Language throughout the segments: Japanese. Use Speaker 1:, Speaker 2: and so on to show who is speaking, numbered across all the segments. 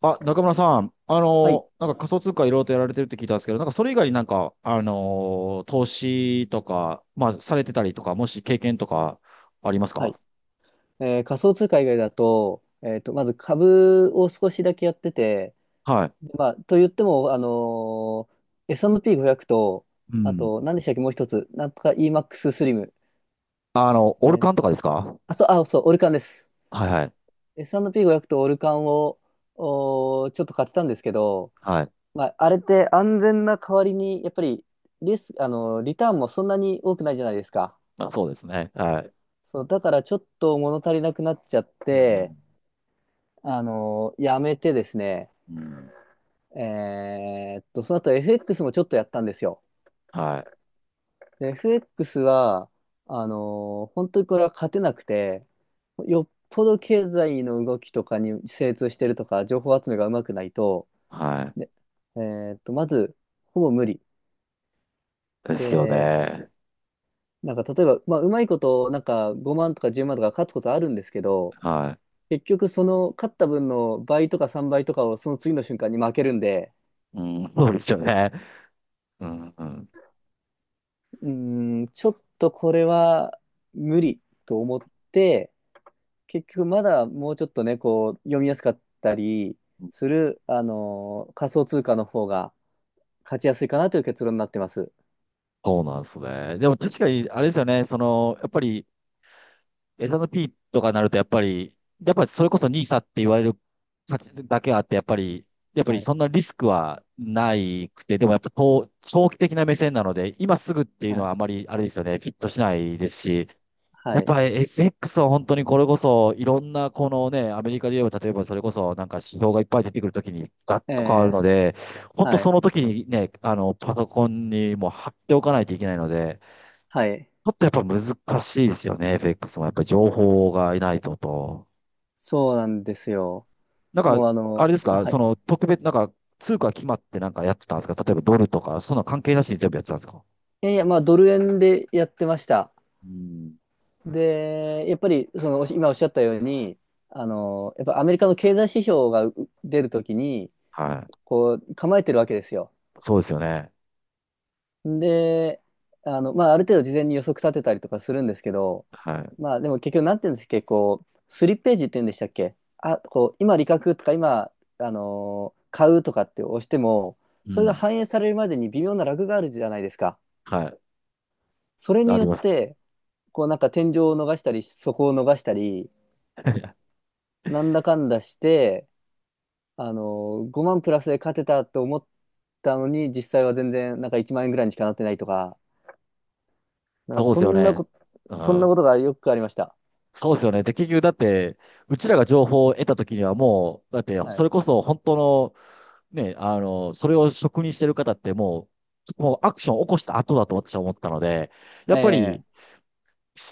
Speaker 1: あ、中村さん、あ
Speaker 2: はい。
Speaker 1: の、なんか仮想通貨いろいろとやられてるって聞いたんですけど、なんかそれ以外になんか、あの、投資とか、まあ、されてたりとか、もし経験とかあります
Speaker 2: は
Speaker 1: か？
Speaker 2: い。仮想通貨以外だと、まず株を少しだけやってて、
Speaker 1: はい。
Speaker 2: でまあ、と言っても、S&P500 と、
Speaker 1: う
Speaker 2: あ
Speaker 1: ん。
Speaker 2: と、何でしたっけ、もう一つ。なんとか EMAX ススリム。
Speaker 1: あの、
Speaker 2: え
Speaker 1: オル
Speaker 2: ー
Speaker 1: カンとかですか？
Speaker 2: あ、そう、あ、そう、オルカンです。
Speaker 1: はいはい。
Speaker 2: S&P500 とオルカンを、ちょっと買ってたんですけど、
Speaker 1: はい。
Speaker 2: まあ、あれって安全な代わりに、やっぱり、リス、あのーリターンもそんなに多くないじゃないですか。
Speaker 1: まあ、そうですね。はい。
Speaker 2: そう、だからちょっと物足りなくなっちゃっ
Speaker 1: う
Speaker 2: て、
Speaker 1: ん。
Speaker 2: やめてですね、
Speaker 1: うん。
Speaker 2: その後 FX もちょっとやったんですよ。
Speaker 1: はい。
Speaker 2: で FX は、本当にこれは勝てなくて、よっぽど経済の動きとかに精通してるとか、情報集めがうまくないと、
Speaker 1: は
Speaker 2: で、まず、ほぼ無理。
Speaker 1: い。ですよ
Speaker 2: で、
Speaker 1: ね。
Speaker 2: なんか例えば、まあ、うまいこと、なんか5万とか10万とか勝つことあるんですけど、
Speaker 1: は
Speaker 2: 結局その勝った分の倍とか3倍とかをその次の瞬間に負けるんで、
Speaker 1: い。うん。そうですよね。うん。うん。
Speaker 2: うーん、ちょっとこれは無理と思って、結局まだもうちょっとね、こう読みやすかったりする、仮想通貨の方が勝ちやすいかなという結論になってます。
Speaker 1: そうなんですね。でも確かに、あれですよね。その、やっぱり、エスアンドピーとかになると、やっぱり、やっぱりそれこそニーサって言われる価値だけあって、やっぱり、やっぱ
Speaker 2: は
Speaker 1: り
Speaker 2: い。
Speaker 1: そんなリスクはないくて、でもやっぱこう長期的な目線なので、今すぐっていう
Speaker 2: は
Speaker 1: のは
Speaker 2: い。
Speaker 1: あまりあれですよね、フィットしないですし、
Speaker 2: は
Speaker 1: やっ
Speaker 2: い。
Speaker 1: ぱ FX は本当にこれこそ、いろんなこのね、アメリカで言えば、例えばそれこそなんか指標がいっぱい出てくるときにガッ
Speaker 2: え
Speaker 1: と変わるの
Speaker 2: え、
Speaker 1: で、本当
Speaker 2: は
Speaker 1: そ
Speaker 2: い。
Speaker 1: の時にね、あの、パソコンにもう貼っておかないといけないので、
Speaker 2: はい。
Speaker 1: ちょっとやっぱ難しいですよね、FX も。やっぱり情報がいないとと。
Speaker 2: そうなんですよ。
Speaker 1: なんか、
Speaker 2: もう
Speaker 1: あれです
Speaker 2: あ
Speaker 1: か、
Speaker 2: は
Speaker 1: そ
Speaker 2: い。
Speaker 1: の特別、なんか通貨決まってなんかやってたんですか？例えばドルとか、そんな関係なしに全部やってたんですか？
Speaker 2: いやいや、まあドル円でやってました。
Speaker 1: うん。
Speaker 2: で、やっぱりそのおし今おっしゃったように、やっぱアメリカの経済指標が出るときに、
Speaker 1: はい。
Speaker 2: こう構えてるわけですよ。
Speaker 1: そうですよね。
Speaker 2: で、まあ、ある程度事前に予測立てたりとかするんですけど、
Speaker 1: はい。
Speaker 2: まあ、でも結局なんていうんですか、こう、スリップページって言うんでしたっけ、あ、こう、今、利確とか今、買うとかって押しても、
Speaker 1: う
Speaker 2: それが
Speaker 1: ん。
Speaker 2: 反映されるまでに微妙なラグがあるじゃないですか。
Speaker 1: はい。
Speaker 2: それ
Speaker 1: あ
Speaker 2: によ
Speaker 1: り
Speaker 2: っ
Speaker 1: ます。
Speaker 2: て、こう、なんか天井を逃したり、底を逃したり、なんだかんだして、あの5万プラスで勝てたと思ったのに、実際は全然、なんか1万円ぐらいにしかなってないとか、なんか
Speaker 1: そうで
Speaker 2: そ
Speaker 1: すよ
Speaker 2: んな
Speaker 1: ね。
Speaker 2: こと、
Speaker 1: う
Speaker 2: そんな
Speaker 1: ん。
Speaker 2: ことがよくありました。
Speaker 1: そうですよね。で、結局だって、うちらが情報を得た時にはもう、だって、
Speaker 2: は
Speaker 1: そ
Speaker 2: い。
Speaker 1: れこそ本当のね、あの、それを職にしてる方ってもう、もうアクションを起こした後だと私は思ったので、やっぱ
Speaker 2: ええ、
Speaker 1: り、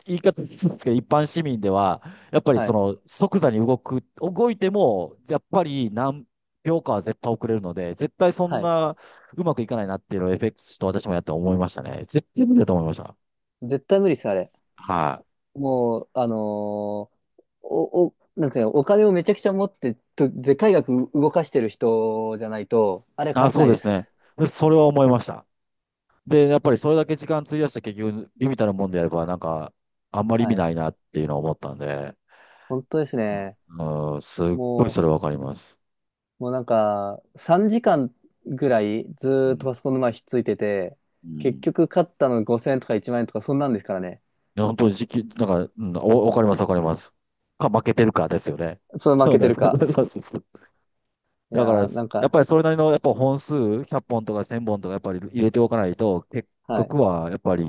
Speaker 1: 言い方ですけど、一般市民では、やっぱり
Speaker 2: は
Speaker 1: そ
Speaker 2: い。
Speaker 1: の即座に動く、動いても、やっぱり何秒かは絶対遅れるので、絶対そん
Speaker 2: はい。
Speaker 1: なうまくいかないなっていうのを FX と私もやって思いましたね。絶対無理だと思いました。
Speaker 2: 絶対無理です、あれ。
Speaker 1: はい。
Speaker 2: もう、あのーお、お、なんていうの、お金をめちゃくちゃ持ってと、でかい額動かしてる人じゃないと、あれ
Speaker 1: あ、
Speaker 2: 勝て
Speaker 1: そ
Speaker 2: な
Speaker 1: う
Speaker 2: い
Speaker 1: で
Speaker 2: で
Speaker 1: すね。
Speaker 2: す。
Speaker 1: でそれは思いました。で、やっぱりそれだけ時間費やして結局、微々たるもんでやれば、なんか、あんまり意味
Speaker 2: はい。
Speaker 1: ないなっていうのを思ったんで、
Speaker 2: 本当です
Speaker 1: あ
Speaker 2: ね。
Speaker 1: ー、すっごいそ
Speaker 2: も
Speaker 1: れわかります。
Speaker 2: もうなんか、3時間ぐらいず
Speaker 1: う
Speaker 2: ーっと
Speaker 1: ん。
Speaker 2: パソコンの前ひっついてて、
Speaker 1: うん。
Speaker 2: 結
Speaker 1: い
Speaker 2: 局勝ったの5000円とか1万円とかそんなんですからね。
Speaker 1: や、本当に時期、なんか、うん、おわかります、わかります。か、負けてるかですよね。
Speaker 2: それ負
Speaker 1: そう
Speaker 2: けて
Speaker 1: だ、
Speaker 2: る
Speaker 1: そう
Speaker 2: か。
Speaker 1: そうそうそう。
Speaker 2: い
Speaker 1: だから、や
Speaker 2: やー、なん
Speaker 1: っ
Speaker 2: か、
Speaker 1: ぱりそれなりの、やっぱ本数、100本とか1000本とか、やっぱり入れておかないと、結
Speaker 2: はい。
Speaker 1: 局は、やっぱり、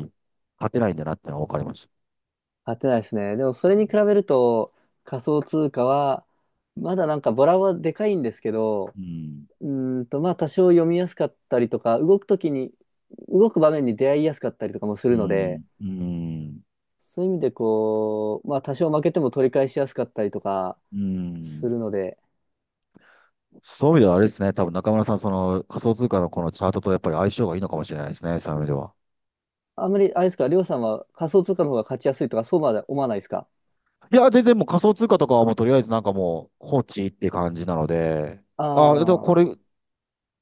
Speaker 1: 勝てないんだなってのはわかります。
Speaker 2: 買ってないですね。でもそれに比べると仮想通貨はまだなんかボラはでかいんですけど、
Speaker 1: うん。
Speaker 2: うまあ多少読みやすかったりとか、動くときに、動く場面に出会いやすかったりとかもす
Speaker 1: う
Speaker 2: るので、
Speaker 1: ん。うん。
Speaker 2: そういう意味でこう、まあ多少負けても取り返しやすかったりとか
Speaker 1: う
Speaker 2: す
Speaker 1: ん。
Speaker 2: るので、
Speaker 1: そういう意味ではあれですね。多分中村さん、その仮想通貨のこのチャートとやっぱり相性がいいのかもしれないですね。そういう意味では。
Speaker 2: あんまりあれですか、りょうさんは仮想通貨の方が勝ちやすいとかそうまで思わないですか？
Speaker 1: いや、全然もう仮想通貨とかはもうとりあえずなんかもう放置って感じなので、
Speaker 2: あ
Speaker 1: あ、でも
Speaker 2: あー、
Speaker 1: これ、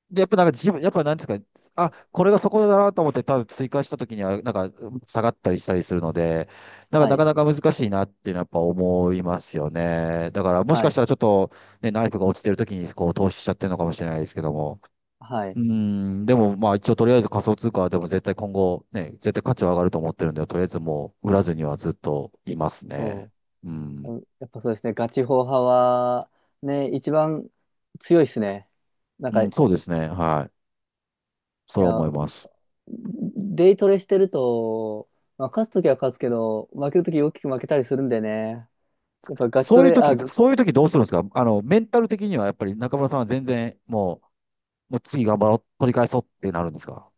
Speaker 1: で、やっぱなんか自分、やっぱなんですか、あ、これがそこだなと思って多分追加した時にはなんか下がったりしたりするので、なんか
Speaker 2: は
Speaker 1: なか
Speaker 2: い、
Speaker 1: なか難しいなっていうのはやっぱ思いますよね。だからもし
Speaker 2: は
Speaker 1: かした
Speaker 2: い、
Speaker 1: らちょっとね、ナイフが落ちてる時にこう投資しちゃってるのかもしれないですけども。
Speaker 2: はい。
Speaker 1: うん、でもまあ一応とりあえず仮想通貨はでも絶対今後ね、絶対価値は上がると思ってるんで、とりあえずもう売らずにはずっといます
Speaker 2: お
Speaker 1: ね。
Speaker 2: う
Speaker 1: う
Speaker 2: う
Speaker 1: ん。
Speaker 2: ん、やっぱそうですね、ガチホウ派は、ね、一番強いですね。なん
Speaker 1: う
Speaker 2: か、
Speaker 1: ん、
Speaker 2: い
Speaker 1: そうですね。はい。それは
Speaker 2: や、
Speaker 1: 思います。
Speaker 2: デイトレしてると、まあ、勝つときは勝つけど、負けるとき大きく負けたりするんでね。やっぱガチト
Speaker 1: そういう
Speaker 2: レ、
Speaker 1: 時、
Speaker 2: あ、
Speaker 1: そういう時どうするんですか？あの、メンタル的にはやっぱり中村さんは全然もう、もう次頑張ろう、取り返そうってなるんですか？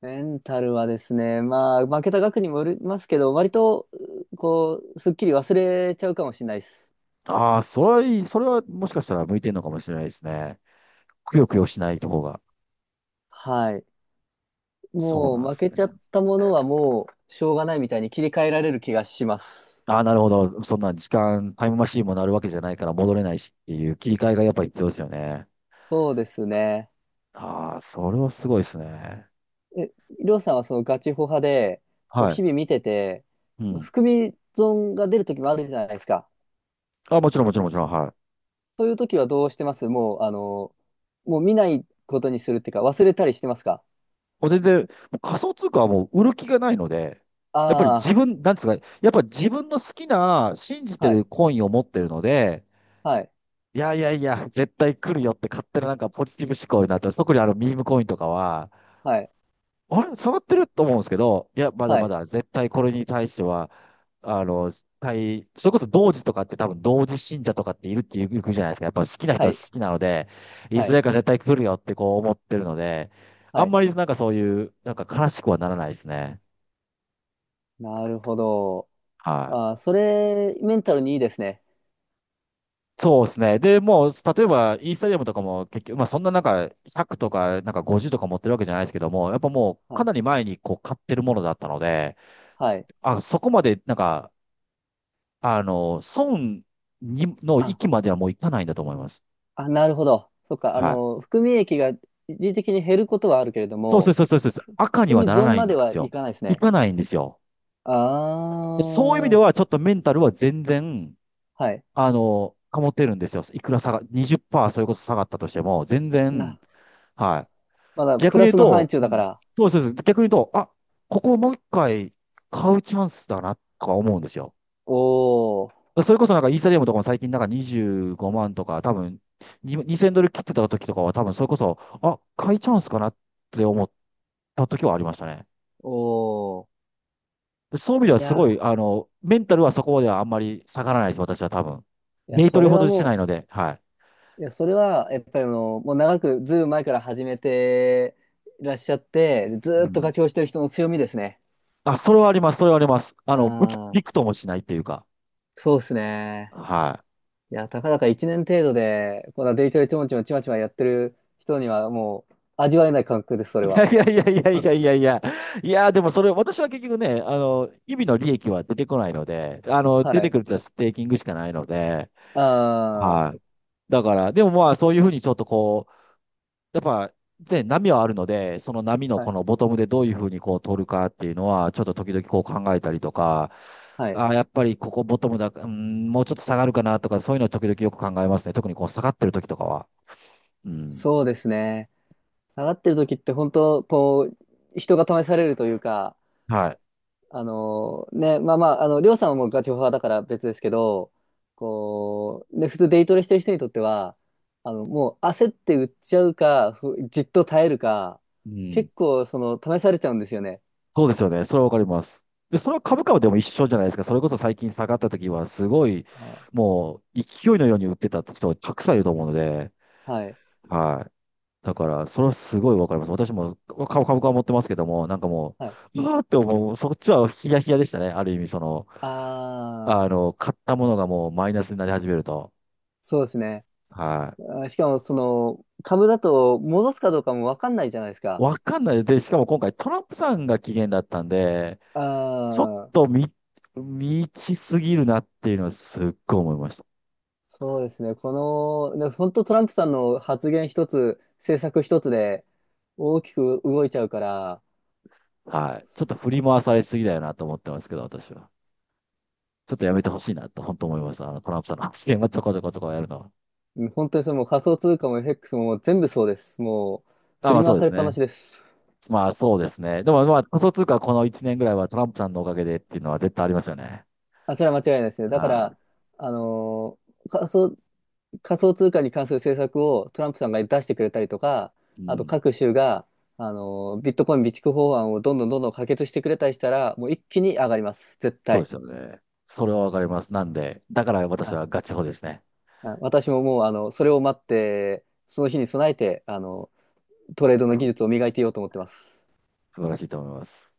Speaker 2: メンタルはですね、まあ、負けた額にもよりますけど、割と、こう、すっきり忘れちゃうかもしれないです。
Speaker 1: ああー、それはいい、それはもしかしたら向いてるのかもしれないですね。くよくよしない方が。
Speaker 2: はい。
Speaker 1: そう
Speaker 2: も
Speaker 1: なん
Speaker 2: う、
Speaker 1: で
Speaker 2: 負
Speaker 1: す
Speaker 2: け
Speaker 1: ね。
Speaker 2: ちゃったものはもう、しょうがないみたいに切り替えられる気がします。
Speaker 1: ああ、なるほど。そんな時間、タイムマシーンもなるわけじゃないから戻れないしっていう切り替えがやっぱり必要ですよね。
Speaker 2: そうですね。
Speaker 1: ああ、それはすごいですね。
Speaker 2: え、りょうさんはそのガチホ派で、こう
Speaker 1: はい。
Speaker 2: 日々見てて、
Speaker 1: うん。
Speaker 2: 含み損が出る時もあるじゃないですか。
Speaker 1: あ、もちろんもちろんもちろん。はい。
Speaker 2: そういう時はどうしてます、もう、もう見ないことにするっていうか、忘れたりしてますか？
Speaker 1: もう全然、もう仮想通貨はもう売る気がないので、やっぱり自
Speaker 2: ああ
Speaker 1: 分、なんですか、やっぱ自分の好きな、信じ
Speaker 2: ー、
Speaker 1: て
Speaker 2: はい、
Speaker 1: るコインを持ってるので、
Speaker 2: はい、
Speaker 1: いやいやいや、絶対来るよって勝手ななんかポジティブ思考になって、特にあのミームコインとかは、
Speaker 2: はい、
Speaker 1: あれ、下がってると思うんですけど、いや、まだ
Speaker 2: は
Speaker 1: ま
Speaker 2: い、
Speaker 1: だ絶対これに対しては、あの、対、それこそ同時とかって多分同時信者とかっているっていうじゃないですか。やっぱ好きな人
Speaker 2: は
Speaker 1: は好
Speaker 2: い、
Speaker 1: きなので、い
Speaker 2: は
Speaker 1: ず
Speaker 2: い、
Speaker 1: れか絶対来るよってこう思ってるので、あ
Speaker 2: は
Speaker 1: ん
Speaker 2: い。
Speaker 1: まりなんかそういう、なんか悲しくはならないですね。
Speaker 2: なるほど。
Speaker 1: はい。
Speaker 2: ああ、それ、メンタルにいいですね。
Speaker 1: そうですね。で、もう、例えば、イースタリアムとかも結局、まあそんななんか100とか、なんか50とか持ってるわけじゃないですけども、やっぱもう
Speaker 2: は
Speaker 1: か
Speaker 2: い、
Speaker 1: なり前にこう買ってるものだったので、
Speaker 2: はい。
Speaker 1: あ、そこまでなんか、あの、損にの
Speaker 2: あ、
Speaker 1: 域まではもう行かないんだと思います。
Speaker 2: あ、なるほど。そっか、
Speaker 1: はい。
Speaker 2: 含み益が一時的に減ることはあるけれど
Speaker 1: そうそう
Speaker 2: も、
Speaker 1: そうそうそうそう。赤には
Speaker 2: 含み
Speaker 1: なら
Speaker 2: 損
Speaker 1: ない
Speaker 2: ま
Speaker 1: ん
Speaker 2: で
Speaker 1: で
Speaker 2: は
Speaker 1: す
Speaker 2: い
Speaker 1: よ。
Speaker 2: かないです
Speaker 1: 行
Speaker 2: ね。
Speaker 1: かないんですよ。
Speaker 2: あ
Speaker 1: でそういう意味で
Speaker 2: ー、
Speaker 1: は、ちょっとメンタルは全然、
Speaker 2: はい。
Speaker 1: あの、保てるんですよ。いくら下が、20%それこそ下がったとしても、全然、
Speaker 2: な、
Speaker 1: は
Speaker 2: まだ
Speaker 1: い。逆
Speaker 2: プ
Speaker 1: に
Speaker 2: ラ
Speaker 1: 言う
Speaker 2: スの範
Speaker 1: と、
Speaker 2: 疇
Speaker 1: う
Speaker 2: だか
Speaker 1: ん、
Speaker 2: ら。
Speaker 1: そうそうそう。逆に言うと、あ、ここをもう一回買うチャンスだな、とか思うんですよ。
Speaker 2: おー、
Speaker 1: それこそなんかイーサリアムとかも最近なんか25万とか、多分に2000ドル切ってた時とかは多分それこそ、あ、買いチャンスかなって思った時はありましたね。
Speaker 2: おー。
Speaker 1: でそういう意味で
Speaker 2: い
Speaker 1: はすごい、
Speaker 2: や
Speaker 1: あの、メンタルはそこまではあんまり下がらないです、私は多分。
Speaker 2: ー、いや、
Speaker 1: デイト
Speaker 2: そ
Speaker 1: レ
Speaker 2: れ
Speaker 1: ほ
Speaker 2: は
Speaker 1: どしてな
Speaker 2: も
Speaker 1: いので、はい。
Speaker 2: う、いや、それは、やっぱりもう長く、ずいぶん前から始めていらっしゃって、ず
Speaker 1: う
Speaker 2: ーっと
Speaker 1: ん。
Speaker 2: 活用してる人の強みですね。
Speaker 1: あ、それはあります、それはあります。あの、
Speaker 2: あ
Speaker 1: びく
Speaker 2: あ、
Speaker 1: ともしないっていうか、
Speaker 2: そうですね。
Speaker 1: はい。
Speaker 2: いや、たかだか1年程度で、こんなデイトレちょんちょんちまちまやってる人には、もう、味わえない感覚です、そ
Speaker 1: い
Speaker 2: れは。
Speaker 1: やいやいやい やいやいやいや。いや、でもそれ、私は結局ね、あの、日々の利益は出てこないので、あの、
Speaker 2: は
Speaker 1: 出て
Speaker 2: い。
Speaker 1: くるとはステーキングしかないので、
Speaker 2: あ
Speaker 1: はい。だから、でもまあ、そういうふうにちょっとこう、やっぱ、ね、波はあるので、その波の
Speaker 2: あ、は
Speaker 1: この
Speaker 2: い。
Speaker 1: ボトムでどういうふうにこう取るかっていうのは、ちょっと時々こう考えたりとか、
Speaker 2: はい。
Speaker 1: あー、やっぱりここボトムだ、うん、もうちょっと下がるかなとか、そういうのを時々よく考えますね。特にこう下がってる時とかは。うん。
Speaker 2: そうですね。下がってる時って本当こう人が試されるというか、
Speaker 1: はい。
Speaker 2: あのね、まあまあ、あのりょうさんはもうガチホファーだから別ですけど、こう、ね、普通デイトレしてる人にとっては、もう焦って売っちゃうか、じっと耐えるか、
Speaker 1: うん。
Speaker 2: 結構試されちゃうんですよね。
Speaker 1: そうですよね。それはわかります。で、それは株価はでも一緒じゃないですか。それこそ最近下がった時は、すごい、
Speaker 2: あ、
Speaker 1: もう勢いのように売ってた人たくさんいると思うので、
Speaker 2: はい、
Speaker 1: はい。だから、それはすごいわかります。私も株、株価は持ってますけども、なんかも
Speaker 2: はい、
Speaker 1: う、うわーって思う、そっちはヒヤヒヤでしたね。ある意味、その、
Speaker 2: ああ
Speaker 1: あ
Speaker 2: ー、
Speaker 1: の、買ったものがもうマイナスになり始めると。
Speaker 2: そうですね。
Speaker 1: はい。
Speaker 2: あ、しかもその株だと戻すかどうかも分かんないじゃないですか。
Speaker 1: わかんない。で、しかも今回トランプさんが期限だったんで、ちょっ
Speaker 2: あ
Speaker 1: と
Speaker 2: あ、
Speaker 1: 見ちすぎるなっていうのはすっごい思いました。
Speaker 2: そうですね。この、でも本当トランプさんの発言一つ、政策一つで大きく動いちゃうから、
Speaker 1: はい。ちょっと振り回されすぎだよなと思ってますけど、私は。ちょっとやめてほしいなと、本当思います。あの、トランプさんの発言はちょこちょこちょこやるのは。
Speaker 2: うん、本当にそれもう仮想通貨も FX ももう全部そうです。もう
Speaker 1: あ、
Speaker 2: 振
Speaker 1: ま
Speaker 2: り
Speaker 1: あそ
Speaker 2: 回
Speaker 1: うで
Speaker 2: され
Speaker 1: す
Speaker 2: っぱな
Speaker 1: ね。
Speaker 2: しです。
Speaker 1: まあそうですね。でもまあ仮想通貨この1年ぐらいはトランプさんのおかげでっていうのは絶対ありますよね。
Speaker 2: あ、それは間違いないですね。だか
Speaker 1: は
Speaker 2: ら、あのー仮想、仮想通貨に関する政策をトランプさんが出してくれたりとか、
Speaker 1: い。う
Speaker 2: あと
Speaker 1: ん。
Speaker 2: 各州が、ビットコイン備蓄法案をどんどんどんどん可決してくれたりしたら、もう一気に上がります。絶
Speaker 1: そうで
Speaker 2: 対。
Speaker 1: すよね。それはわかります。なんで、だから
Speaker 2: は
Speaker 1: 私
Speaker 2: い、
Speaker 1: はガチホですね。
Speaker 2: あ、私ももう、それを待って、その日に備えて、トレードの技術を磨いていようと思ってます。
Speaker 1: 素晴らしいと思います。